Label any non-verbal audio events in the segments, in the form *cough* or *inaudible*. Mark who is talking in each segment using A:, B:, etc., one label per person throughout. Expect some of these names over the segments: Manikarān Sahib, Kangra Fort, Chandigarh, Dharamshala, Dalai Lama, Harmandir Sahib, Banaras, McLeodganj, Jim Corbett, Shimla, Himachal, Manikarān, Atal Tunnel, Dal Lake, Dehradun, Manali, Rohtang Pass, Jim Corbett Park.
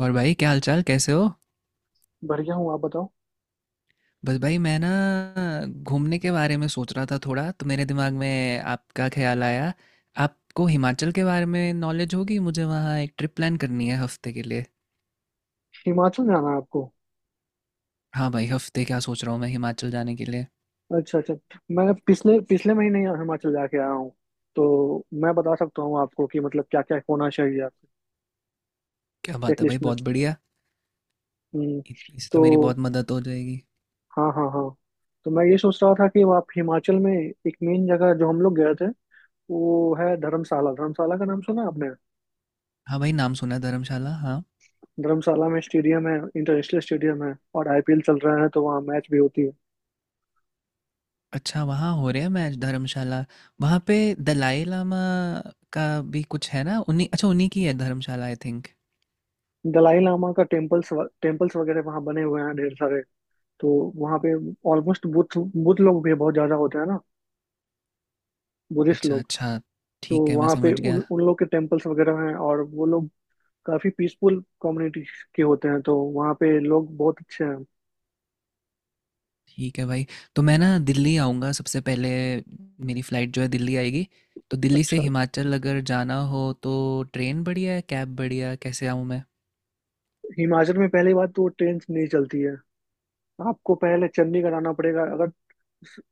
A: और भाई क्या हाल चाल कैसे हो।
B: बढ़िया हूँ। आप बताओ।
A: बस भाई मैं ना घूमने के बारे में सोच रहा था थोड़ा, तो मेरे दिमाग में आपका ख्याल आया। आपको हिमाचल के बारे में नॉलेज होगी, मुझे वहाँ एक ट्रिप प्लान करनी है हफ्ते के लिए।
B: हिमाचल जाना है आपको?
A: हाँ भाई, हफ्ते क्या सोच रहा हूँ मैं हिमाचल जाने के लिए।
B: अच्छा अच्छा। मैं पिछले पिछले महीने ही हिमाचल जाके आया हूँ। तो मैं बता सकता हूँ आपको कि मतलब क्या क्या होना चाहिए आपके
A: क्या बात
B: चेक
A: है भाई,
B: लिस्ट में।
A: बहुत बढ़िया।
B: हम्म।
A: इससे तो मेरी
B: तो,
A: बहुत मदद हो जाएगी।
B: हाँ हाँ हाँ। तो मैं ये सोच रहा था कि आप हिमाचल में एक मेन जगह जो हम लोग गए थे वो है धर्मशाला। धर्मशाला का नाम सुना आपने?
A: हाँ भाई, नाम सुना है धर्मशाला, हाँ।
B: धर्मशाला में स्टेडियम है, इंटरनेशनल स्टेडियम है, और आईपीएल चल रहा है तो वहाँ मैच भी होती है।
A: अच्छा, वहाँ हो रहे हैं मैच धर्मशाला, वहाँ पे दलाई लामा का भी कुछ है ना? उन्हीं अच्छा, उन्हीं की है धर्मशाला, आई थिंक।
B: दलाई लामा का टेम्पल्स टेम्पल्स वगैरह वहाँ बने हुए हैं ढेर सारे। तो वहाँ पे ऑलमोस्ट बुद्ध बुद्ध लोग भी बहुत ज्यादा होते हैं ना, बुद्धिस्ट
A: अच्छा,
B: लोग।
A: अच्छा।
B: तो
A: ठीक है, मैं
B: वहाँ पे
A: समझ
B: उन
A: गया।
B: उन लोग के टेम्पल्स वगैरह हैं और वो लोग काफी पीसफुल कम्युनिटी के होते हैं तो वहाँ पे लोग बहुत अच्छे हैं।
A: ठीक है भाई, तो मैं ना दिल्ली आऊँगा सबसे पहले, मेरी फ़्लाइट जो है दिल्ली आएगी, तो दिल्ली से
B: अच्छा।
A: हिमाचल अगर जाना हो तो ट्रेन बढ़िया है, कैब बढ़िया है, कैसे आऊँ मैं?
B: हिमाचल में पहली बात तो ट्रेन नहीं चलती है। आपको पहले चंडीगढ़ आना पड़ेगा, अगर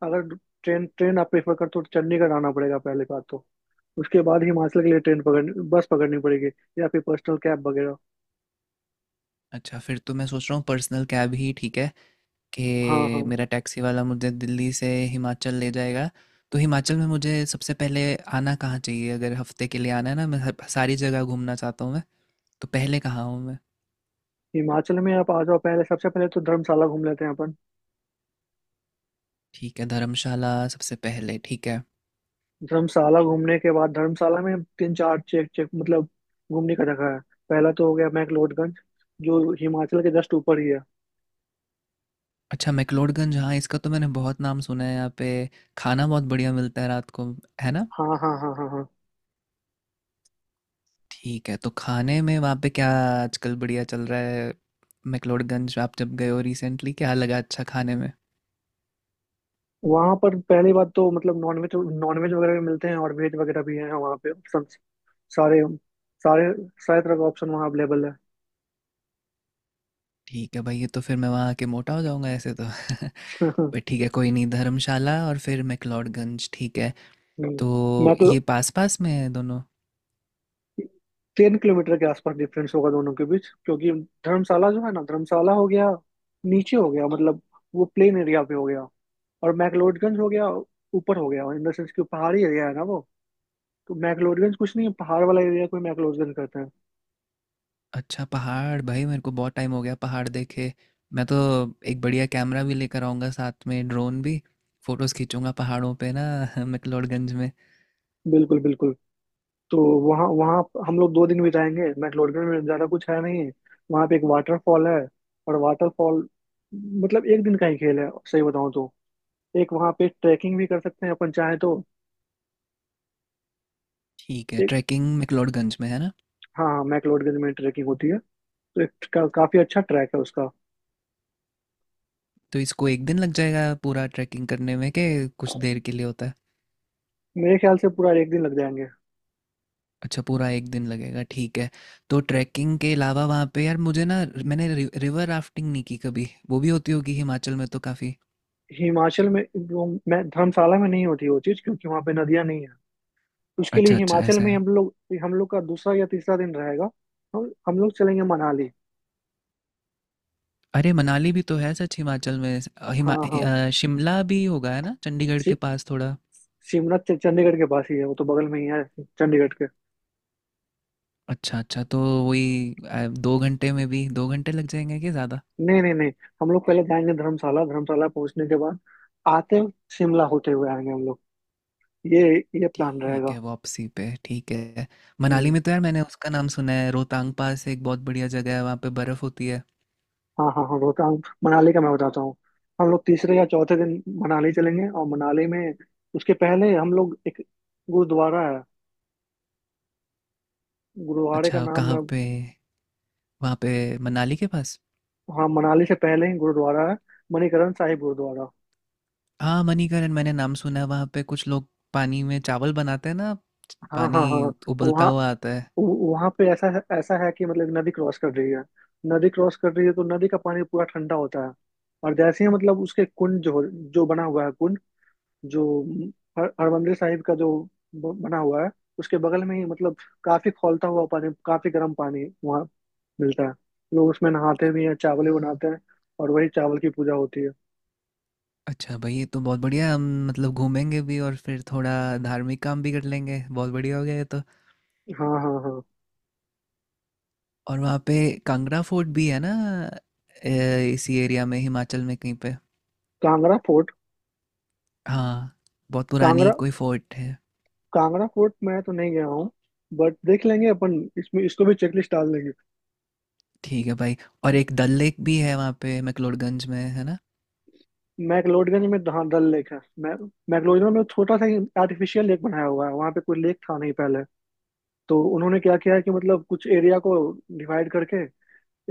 B: अगर ट्रेन ट्रेन आप प्रेफर करते हो तो चंडीगढ़ आना पड़ेगा पहले बात तो। उसके बाद हिमाचल के लिए ट्रेन पकड़ बस पकड़नी पड़ेगी, या फिर पर्सनल कैब वगैरह।
A: अच्छा, फिर तो मैं सोच रहा हूँ पर्सनल कैब ही ठीक है
B: हाँ
A: कि
B: हाँ।
A: मेरा टैक्सी वाला मुझे दिल्ली से हिमाचल ले जाएगा। तो हिमाचल में मुझे सबसे पहले आना कहाँ चाहिए? अगर हफ़्ते के लिए आना है ना, मैं हर सारी जगह घूमना चाहता हूँ मैं, तो पहले कहाँ आऊँ मैं?
B: हिमाचल में आप आ जाओ। पहले सबसे पहले तो धर्मशाला घूम लेते हैं अपन।
A: ठीक है, धर्मशाला सबसे पहले, ठीक है।
B: धर्मशाला घूमने के बाद धर्मशाला में तीन चार चेक चेक मतलब घूमने का जगह है। पहला तो हो गया मैक्लोडगंज, जो हिमाचल के जस्ट ऊपर ही है।
A: अच्छा, मैक्लोडगंज, हाँ, इसका तो मैंने बहुत नाम सुना है यहाँ पे, खाना बहुत बढ़िया मिलता है रात को, है ना?
B: हाँ हाँ हाँ हाँ हाँ।
A: ठीक है, तो खाने में वहाँ पे क्या आजकल बढ़िया चल रहा है? मैक्लोडगंज आप जब गए हो रिसेंटली, क्या लगा अच्छा खाने में?
B: वहाँ पर पहली बात तो मतलब नॉनवेज नॉनवेज वगैरह भी मिलते हैं और वेज वगैरह भी हैं वहाँ पे, ऑप्शन सारे सारे सारे तरह का ऑप्शन वहाँ अवेलेबल है।
A: ठीक है भाई, ये तो फिर मैं वहाँ आके मोटा हो जाऊँगा ऐसे तो। *laughs*
B: *laughs*
A: पर ठीक है, कोई नहीं, धर्मशाला और फिर मैक्लोडगंज, ठीक है।
B: हम्म।
A: तो ये
B: मैक्लो
A: पास-पास में है दोनों?
B: 3 किलोमीटर के आसपास डिफरेंस होगा दोनों के बीच, क्योंकि धर्मशाला जो है ना, धर्मशाला हो गया नीचे हो गया मतलब, वो प्लेन एरिया पे हो गया, और मैक्लोडगंज हो गया ऊपर हो गया, इन द सेंस कि वो पहाड़ी एरिया है ना वो। तो मैक्लोडगंज कुछ नहीं है, पहाड़ वाला एरिया को ही मैक्लोडगंज कहते हैं।
A: अच्छा पहाड़, भाई मेरे को बहुत टाइम हो गया पहाड़ देखे, मैं तो एक बढ़िया कैमरा भी लेकर आऊँगा साथ में, ड्रोन भी, फोटोज़ खींचूंगा पहाड़ों पे ना। *laughs* मैक्लोडगंज में,
B: बिल्कुल बिल्कुल। तो वहाँ वहाँ हम लोग 2 दिन बिताएंगे मैक्लोडगंज में, ज़्यादा कुछ है नहीं। वहाँ पे एक वाटरफॉल है, और वाटरफॉल मतलब एक दिन का ही खेल है सही बताऊँ तो। एक वहाँ पे ट्रैकिंग भी कर सकते हैं अपन चाहे तो।
A: ठीक है,
B: एक
A: ट्रैकिंग मैक्लोडगंज में है ना,
B: हाँ हाँ, मैक्लोडगंज में ट्रैकिंग होती है। तो काफ़ी अच्छा ट्रैक है उसका।
A: तो इसको एक दिन लग जाएगा पूरा ट्रैकिंग करने में के कुछ देर के लिए होता है?
B: मेरे ख्याल से पूरा एक दिन लग जाएंगे।
A: अच्छा, पूरा एक दिन लगेगा, ठीक है। तो ट्रैकिंग के अलावा वहाँ पे यार मुझे ना, मैंने रिवर राफ्टिंग नहीं की कभी, वो भी होती होगी हिमाचल में तो, काफ़ी।
B: हिमाचल में वो मैं, धर्मशाला में नहीं होती वो चीज, क्योंकि वहां पे नदियां नहीं है। उसके लिए
A: अच्छा अच्छा,
B: हिमाचल
A: ऐसा
B: में
A: है।
B: हम लोग, हम लोग का दूसरा या तीसरा दिन रहेगा। हम लोग चलेंगे मनाली।
A: अरे मनाली भी तो है सच हिमाचल में, स- अ,
B: हाँ
A: हिमा
B: हाँ।
A: अ, शिमला भी होगा है ना चंडीगढ़ के
B: सी,
A: पास थोड़ा।
B: शिमला चंडीगढ़ के पास ही है, वो तो बगल में ही है चंडीगढ़ के।
A: अच्छा अच्छा, तो वही, 2 घंटे में भी 2 घंटे लग जाएंगे कि ज़्यादा?
B: नहीं नहीं नहीं। हम लोग पहले जाएंगे धर्मशाला। धर्मशाला पहुंचने के बाद आते शिमला होते हुए आएंगे हम लोग। ये ये प्लान
A: ठीक
B: रहेगा।
A: है, वापसी पे, ठीक है। मनाली
B: हम्म।
A: में तो यार मैंने उसका नाम सुना है, रोहतांग पास, एक बहुत बढ़िया जगह है वहाँ पे, बर्फ़ होती है।
B: हाँ हाँ हाँ, रोहतांग मनाली का मैं बताता हूँ। हम लोग तीसरे या चौथे दिन मनाली चलेंगे, और मनाली में उसके पहले हम लोग, एक गुरुद्वारा है, गुरुद्वारे का
A: अच्छा,
B: नाम
A: कहाँ
B: मैं।
A: पे? वहाँ पे, मनाली के पास?
B: हाँ, मनाली से पहले ही गुरुद्वारा है, मणिकरण साहिब गुरुद्वारा।
A: हाँ मणिकरण, मैंने नाम सुना है, वहाँ पे कुछ लोग पानी में चावल बनाते हैं ना,
B: हाँ हाँ
A: पानी
B: हाँ हाँ।
A: उबलता
B: वहाँ
A: हुआ आता है।
B: वहाँ पे ऐसा है कि मतलब, नदी क्रॉस कर रही है। नदी क्रॉस कर रही है तो नदी का पानी पूरा ठंडा होता है। और जैसे ही मतलब उसके कुंड जो जो बना हुआ है, कुंड जो हर हरमंदिर साहिब का जो बना हुआ है, उसके बगल में ही मतलब काफी खौलता हुआ पानी, काफी गर्म पानी वहाँ मिलता है। लोग उसमें नहाते भी हैं, चावल भी बनाते हैं, और वही चावल की पूजा होती है।
A: अच्छा भाई, ये तो बहुत बढ़िया, हम मतलब घूमेंगे भी और फिर थोड़ा धार्मिक काम भी कर लेंगे, बहुत बढ़िया हो गया ये तो।
B: हाँ हाँ हाँ।
A: और वहाँ पे कांगड़ा फोर्ट भी है ना, इसी एरिया में हिमाचल में कहीं पे?
B: कांगड़ा फोर्ट।
A: हाँ, बहुत पुरानी
B: कांगड़ा
A: कोई फोर्ट है।
B: कांगड़ा फोर्ट मैं तो नहीं गया हूँ, बट देख लेंगे अपन, इसमें इसको भी चेकलिस्ट डाल देंगे।
A: ठीक है भाई। और एक डल लेक भी है वहाँ पे, मैक्लोडगंज में, है ना?
B: मैक्लोडगंज में हाँ, डल लेक है। मै मैक्लोडगंज में छोटा सा ही आर्टिफिशियल लेक बनाया हुआ है, वहाँ पे कोई लेक था नहीं पहले। तो उन्होंने क्या किया है कि मतलब कुछ एरिया को डिवाइड करके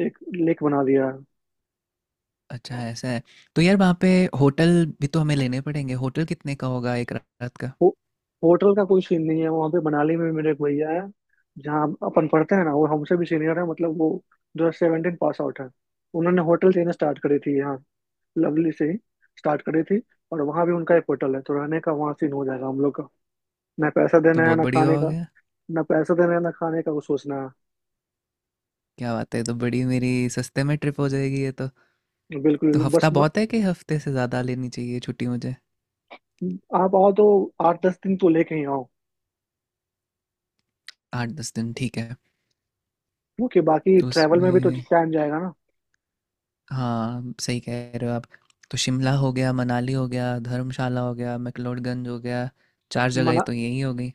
B: एक लेक बना दिया है।
A: अच्छा, ऐसा है। तो यार, वहाँ पे होटल भी तो हमें लेने पड़ेंगे, होटल कितने का होगा एक रात का?
B: हो, होटल का कोई सीन नहीं है वहां पे। मनाली में मेरे एक भैया है जहाँ अपन पढ़ते हैं ना, वो हमसे भी सीनियर है मतलब, वो 2017 पास आउट है। उन्होंने होटल चेन स्टार्ट करी थी यहाँ, लवली से ही स्टार्ट करी थी, और वहाँ भी उनका एक होटल है, तो रहने का वहाँ सीन हो जाएगा हम लोग का। ना पैसा
A: तो
B: देना है,
A: बहुत
B: ना
A: बढ़िया
B: खाने
A: हो
B: का।
A: गया।
B: ना पैसा देना है ना खाने का, वो सोचना
A: क्या बात है, ये तो बड़ी मेरी सस्ते में ट्रिप हो जाएगी ये तो।
B: है।
A: तो
B: बिल्कुल बस
A: हफ्ता बहुत है कि हफ्ते से ज़्यादा लेनी चाहिए छुट्टी मुझे?
B: आप आओ तो 8-10 दिन तो लेके ही आओ,
A: 8-10 दिन, ठीक है।
B: क्योंकि बाकी
A: तो
B: ट्रैवल में भी तो
A: उसमें,
B: टाइम जाएगा ना।
A: हाँ, सही कह रहे हो आप। तो शिमला हो गया, मनाली हो गया, धर्मशाला हो गया, मैक्लोडगंज हो गया, 4 जगह
B: मना
A: तो यही हो गई।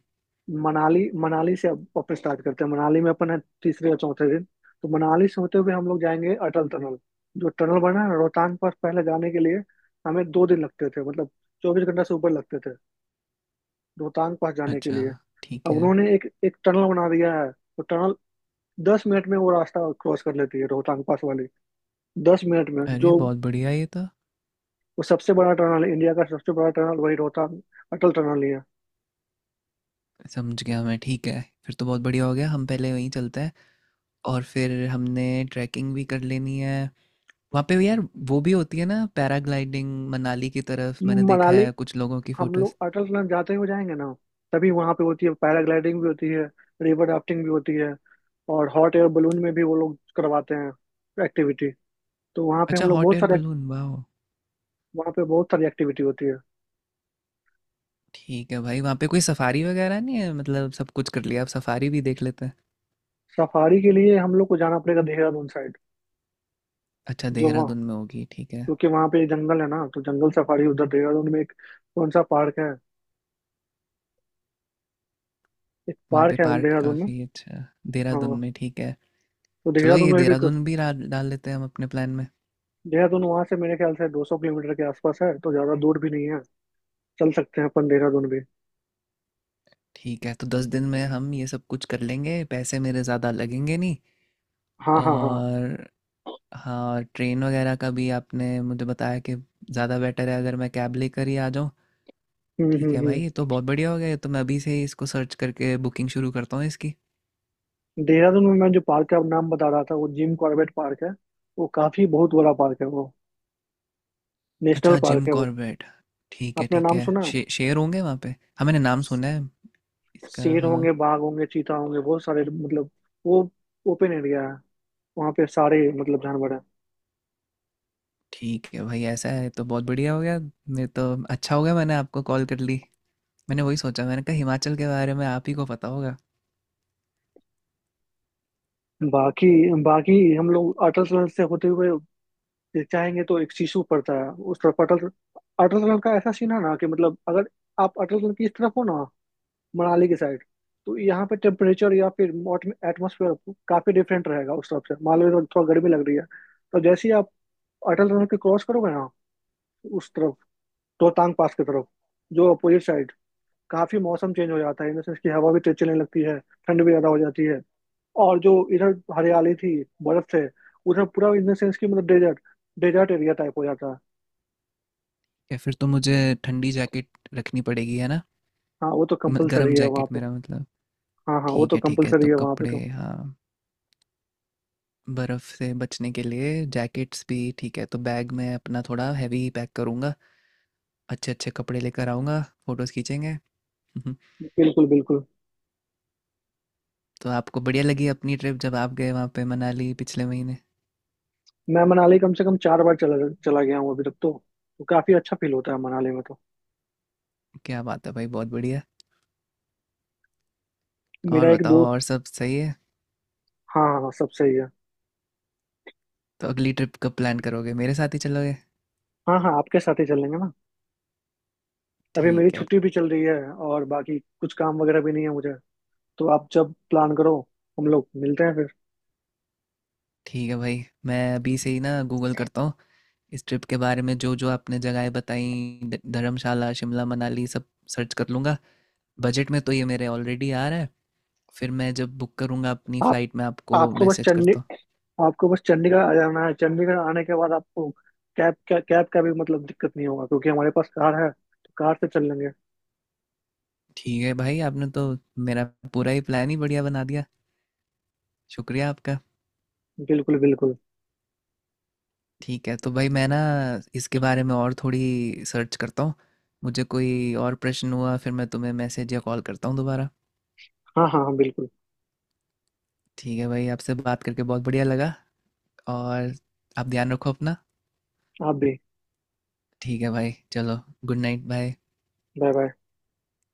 B: मनाली से अब वापस स्टार्ट करते हैं। मनाली में अपन है तीसरे या चौथे दिन। तो मनाली से होते हुए हम लोग जाएंगे अटल टनल, जो टनल बना है ना, रोहतांग पास पहले जाने के लिए हमें 2 दिन लगते थे मतलब, 24 घंटा से ऊपर लगते थे रोहतांग पास जाने के
A: अच्छा,
B: लिए।
A: ठीक
B: अब
A: है।
B: उन्होंने एक एक टनल बना दिया है, तो टनल 10 मिनट में वो रास्ता क्रॉस कर लेती है रोहतांग पास वाली, 10 मिनट में
A: अरे!
B: जो,
A: बहुत बढ़िया ये तो।
B: वो सबसे बड़ा टनल है इंडिया का, सबसे बड़ा टनल वही रोहतांग अटल टनल ही है।
A: समझ गया मैं, ठीक है। फिर तो बहुत बढ़िया हो गया, हम पहले वहीं चलते हैं और फिर हमने ट्रैकिंग भी कर लेनी है। वहाँ पे भी यार वो भी होती है ना पैराग्लाइडिंग, मनाली की तरफ मैंने देखा
B: मनाली,
A: है कुछ लोगों की
B: हम
A: फ़ोटोज़।
B: लोग अटल टनल जाते हुए जाएंगे ना, तभी वहां पे होती है, पैराग्लाइडिंग भी होती है, रिवर राफ्टिंग भी होती है, और हॉट एयर बलून में भी वो लोग करवाते हैं एक्टिविटी। तो वहाँ पे हम
A: अच्छा,
B: लोग
A: हॉट
B: बहुत
A: एयर
B: सारे,
A: बलून, वाओ!
B: वहाँ पे बहुत सारी एक्टिविटी होती है।
A: ठीक है भाई, वहाँ पे कोई सफारी वगैरह नहीं है? मतलब सब कुछ कर लिया, अब सफारी भी देख लेते हैं।
B: सफारी के लिए हम लोग को जाना पड़ेगा देहरादून साइड,
A: अच्छा,
B: जो वहाँ,
A: देहरादून में होगी, ठीक है।
B: क्योंकि वहाँ पे जंगल है ना, तो जंगल सफारी उधर देहरादून में, एक कौन सा पार्क है, एक
A: वहाँ पे
B: पार्क है
A: पार्क
B: देहरादून में।
A: काफ़ी अच्छा देहरादून
B: हाँ।
A: में, ठीक है।
B: तो
A: चलो,
B: देहरादून
A: ये
B: में भी कुछ,
A: देहरादून भी डाल डाल लेते हैं हम अपने प्लान में।
B: देहरादून वहाँ से मेरे ख्याल से 200 किलोमीटर के आसपास है, तो ज़्यादा दूर भी नहीं है, चल सकते हैं अपन देहरादून भी।
A: ठीक है, तो 10 दिन में हम ये सब कुछ कर लेंगे, पैसे मेरे ज़्यादा लगेंगे नहीं।
B: हाँ हाँ हाँ।
A: और हाँ, ट्रेन वगैरह का भी आपने मुझे बताया कि ज़्यादा बेटर है अगर मैं कैब लेकर ही आ जाऊँ।
B: हम्म
A: ठीक
B: हम्म
A: है भाई,
B: हम्म।
A: ये तो बहुत बढ़िया हो गया, ये तो मैं अभी से ही इसको सर्च करके बुकिंग शुरू करता हूँ इसकी।
B: देहरादून में मैं जो पार्क का नाम बता रहा था, वो जिम कॉर्बेट पार्क है, वो काफी बहुत बड़ा पार्क है, वो नेशनल
A: अच्छा जिम
B: पार्क है वो,
A: कॉर्बेट, ठीक है
B: आपने
A: ठीक
B: नाम
A: है,
B: सुना?
A: शेर होंगे वहाँ पे? हाँ मैंने नाम सुना है इसका,
B: शेर
A: हाँ।
B: होंगे, बाघ होंगे, चीता होंगे, बहुत सारे मतलब, वो ओपन एरिया है, वहाँ पे सारे मतलब जानवर है।
A: ठीक है भाई, ऐसा है तो बहुत बढ़िया हो गया, नहीं तो, अच्छा हो गया मैंने आपको कॉल कर ली। मैंने वही सोचा, मैंने कहा हिमाचल के बारे में आप ही को पता होगा।
B: बाकी बाकी हम लोग अटल टनल से होते हुए चाहेंगे तो एक शीशु पड़ता है उस तरफ, अटल अटल टनल का ऐसा सीन है ना कि मतलब, अगर आप अटल टनल की इस तरफ हो ना, मनाली के साइड, तो यहाँ पे टेम्परेचर या फिर एटमोसफेयर काफी डिफरेंट रहेगा। उस तरफ से मालवे में थोड़ा गर्मी लग रही है, तो जैसे ही आप अटल टनल के क्रॉस करोगे ना उस तरफ, रोहतांग पास की तरफ, जो अपोजिट साइड, काफी मौसम चेंज हो जाता है, इन द सेंस की हवा भी तेज चलने लगती है, ठंड भी ज्यादा हो जाती है, और जो इधर हरियाली थी, बर्फ से उधर पूरा इन द सेंस की मतलब, डेजर्ट डेजर्ट एरिया टाइप हो जाता है।
A: या फिर तो मुझे ठंडी जैकेट रखनी पड़ेगी, है ना?
B: हाँ, वो तो
A: गरम
B: कंपलसरी है वहाँ
A: जैकेट
B: पे।
A: मेरा मतलब।
B: हाँ हाँ, वो
A: ठीक
B: तो
A: है ठीक है,
B: कंपलसरी
A: तो
B: है वहाँ पे
A: कपड़े
B: तो।
A: हाँ, बर्फ़ से बचने के लिए जैकेट्स भी, ठीक है, तो बैग में अपना थोड़ा हैवी पैक करूँगा, अच्छे अच्छे कपड़े लेकर आऊँगा, फ़ोटोज़ खींचेंगे। *laughs*
B: बिल्कुल बिल्कुल।
A: तो आपको बढ़िया लगी अपनी ट्रिप जब आप गए वहाँ पे मनाली पिछले महीने?
B: मैं मनाली कम से कम 4 बार चला चला गया हूँ अभी तक तो काफी अच्छा फील होता है मनाली में तो।
A: क्या बात है भाई, बहुत बढ़िया। और
B: मेरा एक
A: बताओ,
B: दो,
A: और सब सही है?
B: हाँ हाँ सब सही है।
A: तो अगली ट्रिप कब प्लान करोगे, मेरे साथ ही चलोगे?
B: हाँ हाँ, आपके साथ ही चलेंगे ना। अभी मेरी
A: ठीक है।
B: छुट्टी भी चल रही है और बाकी कुछ काम वगैरह भी नहीं है मुझे, तो आप जब प्लान करो, हम लोग मिलते हैं फिर।
A: ठीक है भाई, मैं अभी से ही ना गूगल करता हूँ इस ट्रिप के बारे में, जो जो आपने जगहें बताई, धर्मशाला शिमला मनाली, सब सर्च कर लूँगा, बजट में तो ये मेरे ऑलरेडी आ रहा है। फिर मैं जब बुक करूँगा अपनी
B: आप
A: फ़्लाइट, में आपको
B: आपको बस
A: मैसेज
B: चंडी
A: करता हूँ।
B: आपको बस चंडीगढ़ आ जाना है, चंडीगढ़ आने के बाद आपको कैब का भी मतलब दिक्कत नहीं होगा, क्योंकि हमारे पास कार है, तो कार से चल लेंगे।
A: ठीक है भाई, आपने तो मेरा पूरा ही प्लान ही बढ़िया बना दिया, शुक्रिया आपका।
B: बिल्कुल बिल्कुल।
A: ठीक है, तो भाई मैं ना इसके बारे में और थोड़ी सर्च करता हूँ, मुझे कोई और प्रश्न हुआ फिर मैं तुम्हें मैसेज या कॉल करता हूँ दोबारा।
B: हाँ हाँ हाँ, बिल्कुल।
A: ठीक है भाई, आपसे बात करके बहुत बढ़िया लगा। और आप ध्यान रखो अपना।
B: आप भी।
A: ठीक है भाई, चलो, good night, bye.
B: Bye bye.